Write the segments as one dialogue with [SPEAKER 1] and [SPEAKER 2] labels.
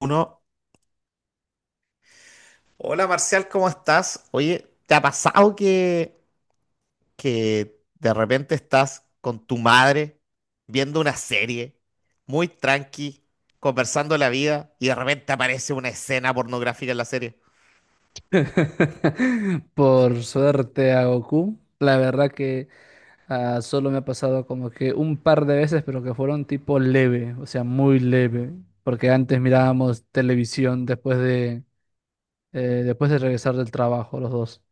[SPEAKER 1] Uno, hola Marcial, ¿cómo estás? Oye, ¿te ha pasado que de repente estás con tu madre viendo una serie muy tranqui, conversando la vida y de repente aparece una escena pornográfica en la serie?
[SPEAKER 2] Por suerte a Goku. La verdad que solo me ha pasado como que un par de veces, pero que fueron tipo leve, o sea, muy leve. Porque antes mirábamos televisión eh, después de regresar del trabajo los dos.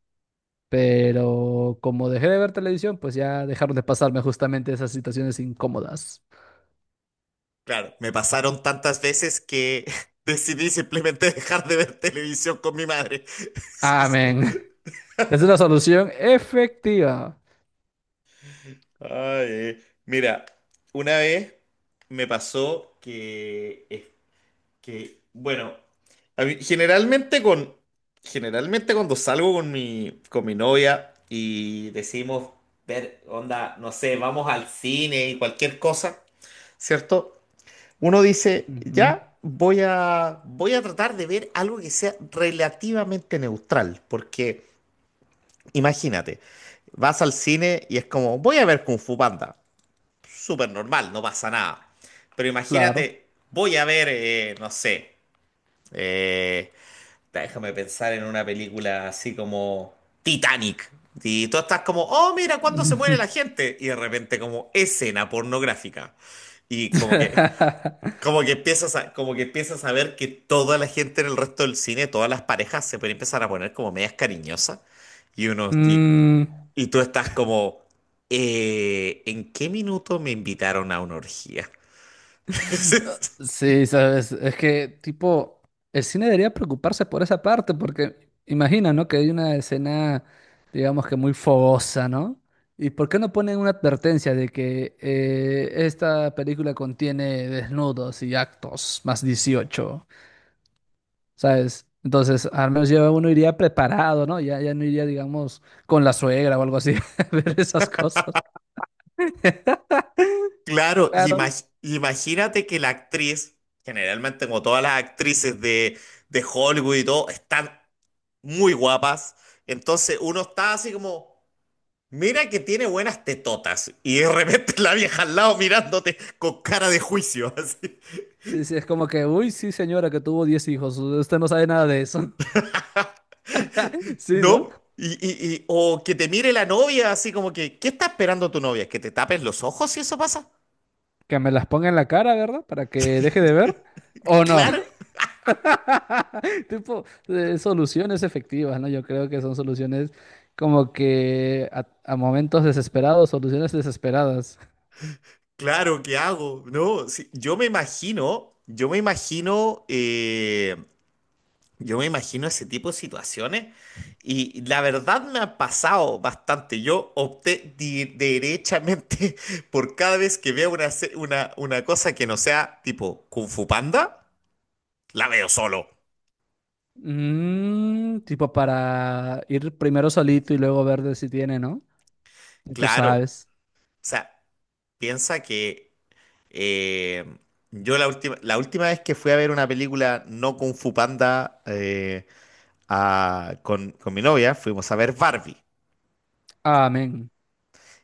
[SPEAKER 2] Pero como dejé de ver televisión, pues ya dejaron de pasarme justamente esas situaciones incómodas.
[SPEAKER 1] Claro, me pasaron tantas veces que decidí simplemente dejar de ver televisión con mi madre.
[SPEAKER 2] Amén. Es una solución efectiva.
[SPEAKER 1] Ay, mira, una vez me pasó Que, bueno, generalmente generalmente cuando salgo con mi novia y decimos ver, onda, no sé, vamos al cine y cualquier cosa, ¿cierto? Uno dice,
[SPEAKER 2] Ujú,
[SPEAKER 1] ya voy a tratar de ver algo que sea relativamente neutral, porque imagínate, vas al cine y es como, voy a ver Kung Fu Panda, súper normal, no pasa nada. Pero
[SPEAKER 2] claro.
[SPEAKER 1] imagínate, voy a ver, no sé, eh, déjame pensar en una película así como Titanic. Y tú estás como, oh, mira, ¿cuándo se muere la gente? Y de repente como escena pornográfica. Y como que, como que empiezas como que empiezas a ver que toda la gente en el resto del cine, todas las parejas se pueden empezar a poner como medias cariñosas. Y uno, y,
[SPEAKER 2] Mm.
[SPEAKER 1] y tú estás como, ¿en qué minuto me invitaron a una orgía?
[SPEAKER 2] Sí, sabes, es que tipo, el cine debería preocuparse por esa parte, porque imagina, ¿no? Que hay una escena, digamos que muy fogosa, ¿no? ¿Y por qué no ponen una advertencia de que esta película contiene desnudos y actos más 18, ¿sabes? Entonces, al menos ya uno iría preparado, ¿no? Ya, ya no iría, digamos, con la suegra o algo así, a ver esas cosas.
[SPEAKER 1] Claro, y
[SPEAKER 2] Claro.
[SPEAKER 1] imagínate que la actriz, generalmente como todas las actrices de Hollywood y todo, están muy guapas. Entonces uno está así como, mira que tiene buenas tetotas. Y de repente la vieja al lado mirándote con cara de juicio, así.
[SPEAKER 2] Sí, sí, es como que, uy, sí, señora, que tuvo 10 hijos, usted no sabe nada de eso. Sí, ¿no?
[SPEAKER 1] ¿No? O que te mire la novia, así como que, ¿qué está esperando tu novia? ¿Que te tapes los ojos si eso pasa?
[SPEAKER 2] Que me las ponga en la cara, ¿verdad? Para que deje de ver. ¿O no?
[SPEAKER 1] Claro.
[SPEAKER 2] Tipo, soluciones efectivas, ¿no? Yo creo que son soluciones como que a momentos desesperados, soluciones desesperadas.
[SPEAKER 1] Claro, ¿qué hago? No, sí, yo me imagino, yo me imagino yo me imagino ese tipo de situaciones y la verdad me ha pasado bastante. Yo opté derechamente por cada vez que veo una cosa que no sea tipo Kung Fu Panda, la veo solo.
[SPEAKER 2] Mm, tipo para ir primero solito y luego ver de si tiene, ¿no? Y tú
[SPEAKER 1] Claro. O
[SPEAKER 2] sabes.
[SPEAKER 1] sea, piensa que eh, la última vez que fui a ver una película no Kung Fu Panda con mi novia, fuimos a ver Barbie.
[SPEAKER 2] Amén.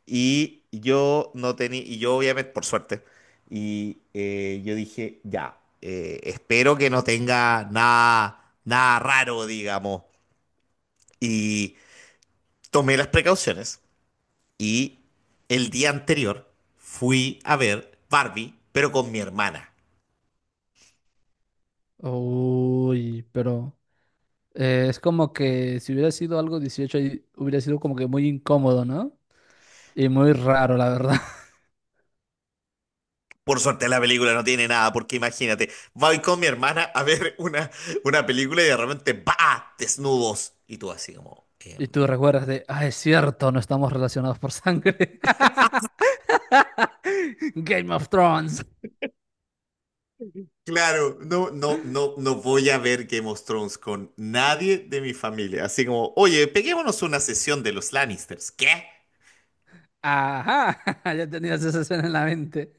[SPEAKER 1] Y yo no tenía, y yo obviamente, por suerte, y yo dije, ya, espero que no tenga nada raro, digamos. Y tomé las precauciones y el día anterior fui a ver Barbie, pero con mi hermana.
[SPEAKER 2] Uy, pero es como que si hubiera sido algo 18 y hubiera sido como que muy incómodo, ¿no? Y muy raro, la verdad.
[SPEAKER 1] Por suerte la película no tiene nada, porque imagínate, voy con mi hermana a ver una película y de repente, ¡bah! Desnudos. Y tú así como...
[SPEAKER 2] Y tú recuerdas de, ah, es cierto, no estamos relacionados por sangre. Game of Thrones.
[SPEAKER 1] claro, no, no, no, no voy a ver Game of Thrones con nadie de mi familia. Así como, oye, peguémonos una sesión de los Lannisters. ¿Qué?
[SPEAKER 2] Ajá, ya tenías esa escena en la mente.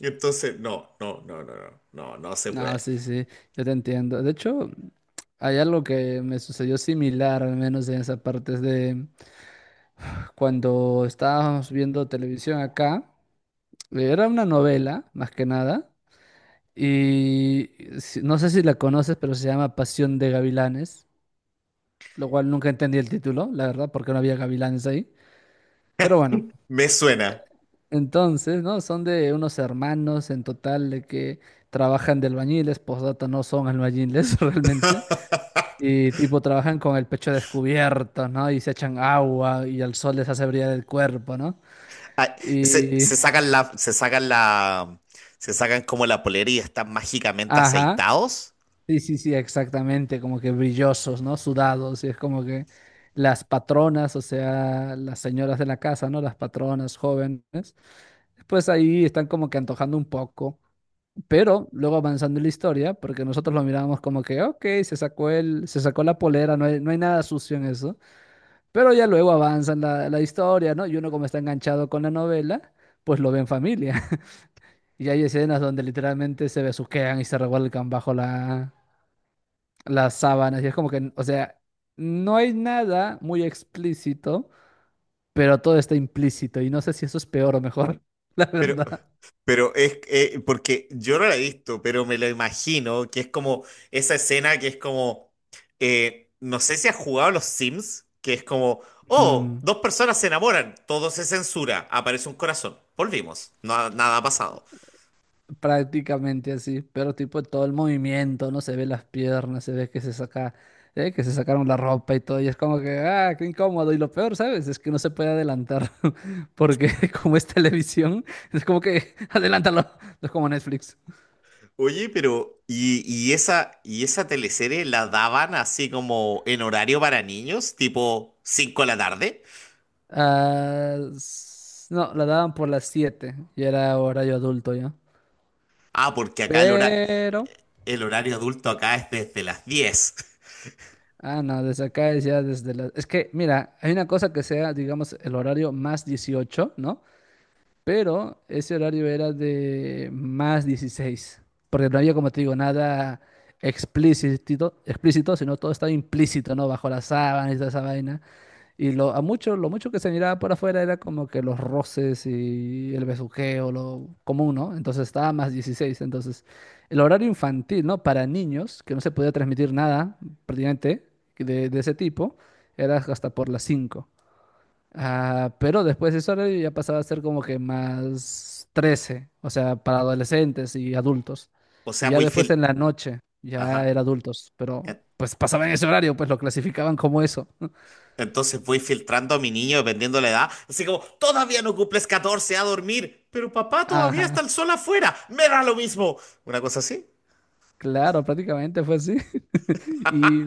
[SPEAKER 1] Entonces, no, no, no, no, no, no, no se
[SPEAKER 2] No,
[SPEAKER 1] puede.
[SPEAKER 2] sí, sí, yo te entiendo. De hecho, hay algo que me sucedió similar, al menos en esa parte, es de cuando estábamos viendo televisión acá, era una novela, más que nada, y no sé si la conoces, pero se llama Pasión de Gavilanes, lo cual nunca entendí el título, la verdad, porque no había gavilanes ahí. Pero bueno.
[SPEAKER 1] Me suena.
[SPEAKER 2] Entonces, ¿no? Son de unos hermanos en total de que trabajan de albañiles, postdata no son albañiles realmente, y tipo trabajan con el pecho descubierto, ¿no? Y se echan agua y el sol les hace brillar el cuerpo, ¿no?
[SPEAKER 1] Ah, se,
[SPEAKER 2] Y,
[SPEAKER 1] se sacan la, se sacan la, se sacan como la polera y están mágicamente
[SPEAKER 2] ajá,
[SPEAKER 1] aceitados.
[SPEAKER 2] sí, sí, sí, exactamente, como que brillosos, ¿no? Sudados, y es como que las patronas, o sea, las señoras de la casa, ¿no? Las patronas jóvenes, pues ahí están como que antojando un poco. Pero luego avanzando en la historia, porque nosotros lo mirábamos como que, ok, se sacó la polera, no hay nada sucio en eso. Pero ya luego avanza en la historia, ¿no? Y uno como está enganchado con la novela, pues lo ve en familia. Y hay escenas donde literalmente se besuquean y se revuelcan bajo las sábanas. Y es como que, o sea, no hay nada muy explícito, pero todo está implícito. Y no sé si eso es peor o mejor, la
[SPEAKER 1] Pero,
[SPEAKER 2] verdad.
[SPEAKER 1] Pero es porque yo no la he visto, pero me lo imagino, que es como esa escena que es como, no sé si has jugado a los Sims, que es como, oh,
[SPEAKER 2] Mm.
[SPEAKER 1] dos personas se enamoran, todo se censura, aparece un corazón, volvimos, nada ha pasado.
[SPEAKER 2] Prácticamente así, pero tipo todo el movimiento, no se ve las piernas, se ve que se saca, que se sacaron la ropa y todo, y es como que, ah, qué incómodo. Y lo peor, ¿sabes? Es que no se puede adelantar, porque como es televisión, es como que, adelántalo, es como Netflix.
[SPEAKER 1] Oye, pero, ¿y esa, y esa teleserie la daban así como en horario para niños, tipo 5 de la tarde?
[SPEAKER 2] Ah, no, la daban por las 7 y era horario adulto ya.
[SPEAKER 1] Ah, porque acá
[SPEAKER 2] Pero,
[SPEAKER 1] el horario adulto acá es desde las 10.
[SPEAKER 2] ah, no, desde acá es ya desde las... Es que, mira, hay una cosa que sea, digamos, el horario más 18, ¿no? Pero ese horario era de más 16, porque no había, como te digo, nada explícito, explícito, sino todo estaba implícito, ¿no? Bajo las sábanas y toda esa vaina. Y lo, a mucho, lo mucho que se miraba por afuera era como que los roces y el besuqueo, lo común, ¿no? Entonces estaba más 16. Entonces, el horario infantil, ¿no? Para niños, que no se podía transmitir nada prácticamente de ese tipo, era hasta por las 5. Ah, pero después de ese horario ya pasaba a ser como que más 13, o sea, para adolescentes y adultos.
[SPEAKER 1] O
[SPEAKER 2] Y
[SPEAKER 1] sea,
[SPEAKER 2] ya
[SPEAKER 1] muy
[SPEAKER 2] después en
[SPEAKER 1] fil...
[SPEAKER 2] la noche ya
[SPEAKER 1] Ajá.
[SPEAKER 2] era adultos, pero
[SPEAKER 1] eh,
[SPEAKER 2] pues pasaba en ese horario, pues lo clasificaban como eso.
[SPEAKER 1] entonces voy filtrando a mi niño dependiendo la edad. Así como, todavía no cumples 14 a dormir, pero papá todavía está
[SPEAKER 2] Ajá,
[SPEAKER 1] el sol afuera. Me da lo mismo. Una cosa así.
[SPEAKER 2] claro, prácticamente fue así. Y,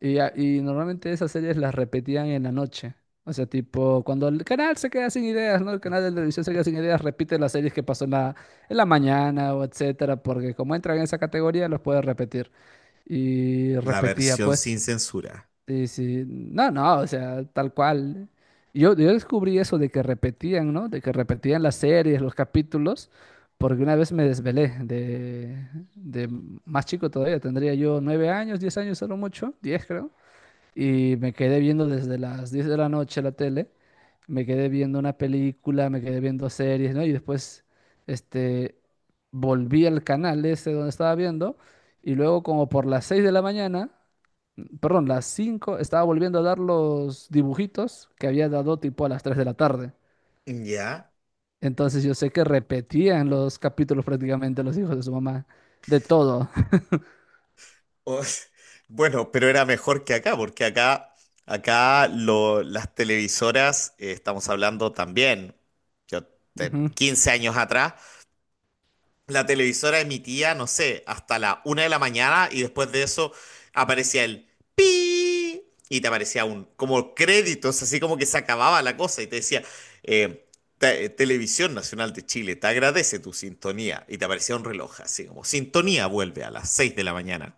[SPEAKER 2] y normalmente esas series las repetían en la noche. O sea, tipo, cuando el canal se queda sin ideas, ¿no? El canal de televisión se queda sin ideas, repite las series que pasó en la mañana o etcétera, porque como entran en esa categoría, los puede repetir. Y
[SPEAKER 1] La
[SPEAKER 2] repetía,
[SPEAKER 1] versión sin
[SPEAKER 2] pues,
[SPEAKER 1] censura.
[SPEAKER 2] y sí, no, no, o sea, tal cual. Yo descubrí eso de que repetían, ¿no? De que repetían las series, los capítulos, porque una vez me desvelé de más chico todavía, tendría yo 9 años, 10 años, solo mucho, diez creo y me quedé viendo desde las 10 de la noche la tele, me quedé viendo una película, me quedé viendo series, ¿no? Y después, este, volví al canal ese donde estaba viendo y luego como por las 6 de la mañana, perdón, las 5 estaba volviendo a dar los dibujitos que había dado tipo a las 3 de la tarde.
[SPEAKER 1] Ya.
[SPEAKER 2] Entonces yo sé que repetían los capítulos prácticamente los hijos de su mamá, de todo.
[SPEAKER 1] O- bueno, pero era mejor que acá, porque las televisoras, estamos hablando también, yo,
[SPEAKER 2] Ujú.
[SPEAKER 1] 15 años atrás, la televisora emitía, no sé, hasta la 1 de la mañana y después de eso aparecía el pi y te aparecía un como créditos, así como que se acababa la cosa y te decía eh, Televisión Nacional de Chile te agradece tu sintonía y te aparecía un reloj así como sintonía vuelve a las 6 de la mañana.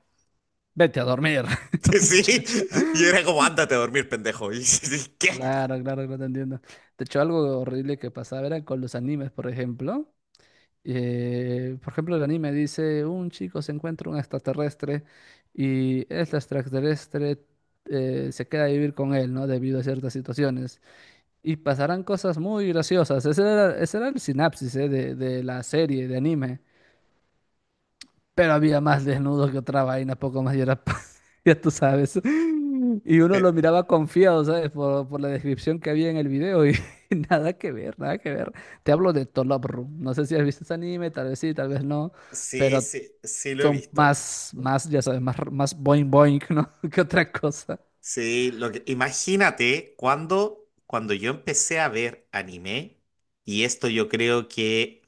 [SPEAKER 2] Vete a dormir,
[SPEAKER 1] Sí,
[SPEAKER 2] muchacho.
[SPEAKER 1] y era como ándate a dormir, pendejo. Y, ¿qué?
[SPEAKER 2] Claro, claro, claro, te entiendo. De hecho, algo horrible que pasaba era con los animes, por ejemplo. Por ejemplo, el anime dice, un chico se encuentra un extraterrestre y este extraterrestre se queda a vivir con él, ¿no? Debido a ciertas situaciones. Y pasarán cosas muy graciosas. Ese era el sinapsis, de la serie, de anime pero había más desnudos que otra vaina, poco más y era, ya tú sabes. Y uno
[SPEAKER 1] Eh,
[SPEAKER 2] lo miraba confiado, ¿sabes? Por la descripción que había en el video y nada que ver, nada que ver. Te hablo de Tolop Room. No sé si has visto ese anime, tal vez sí, tal vez no,
[SPEAKER 1] Sí,
[SPEAKER 2] pero
[SPEAKER 1] sí, sí lo he
[SPEAKER 2] son
[SPEAKER 1] visto.
[SPEAKER 2] más, más, ya sabes, más, más boing boing, ¿no? Que otra cosa.
[SPEAKER 1] Sí, lo que, imagínate cuando yo empecé a ver anime, y esto yo creo que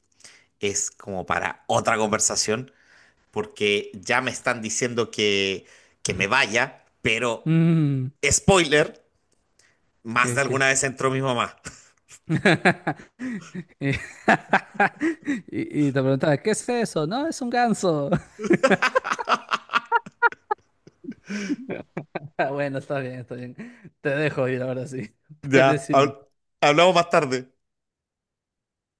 [SPEAKER 1] es como para otra conversación, porque ya me están diciendo que me vaya, pero
[SPEAKER 2] Mm,
[SPEAKER 1] spoiler, más de
[SPEAKER 2] ¿qué, qué?
[SPEAKER 1] alguna vez entró mi mamá.
[SPEAKER 2] Y, y te preguntaba, ¿qué es eso? No, es un ganso. Bueno, está bien, está bien. Te dejo ir ahora sí.
[SPEAKER 1] Ya,
[SPEAKER 2] Puedes ir en
[SPEAKER 1] hablamos más tarde.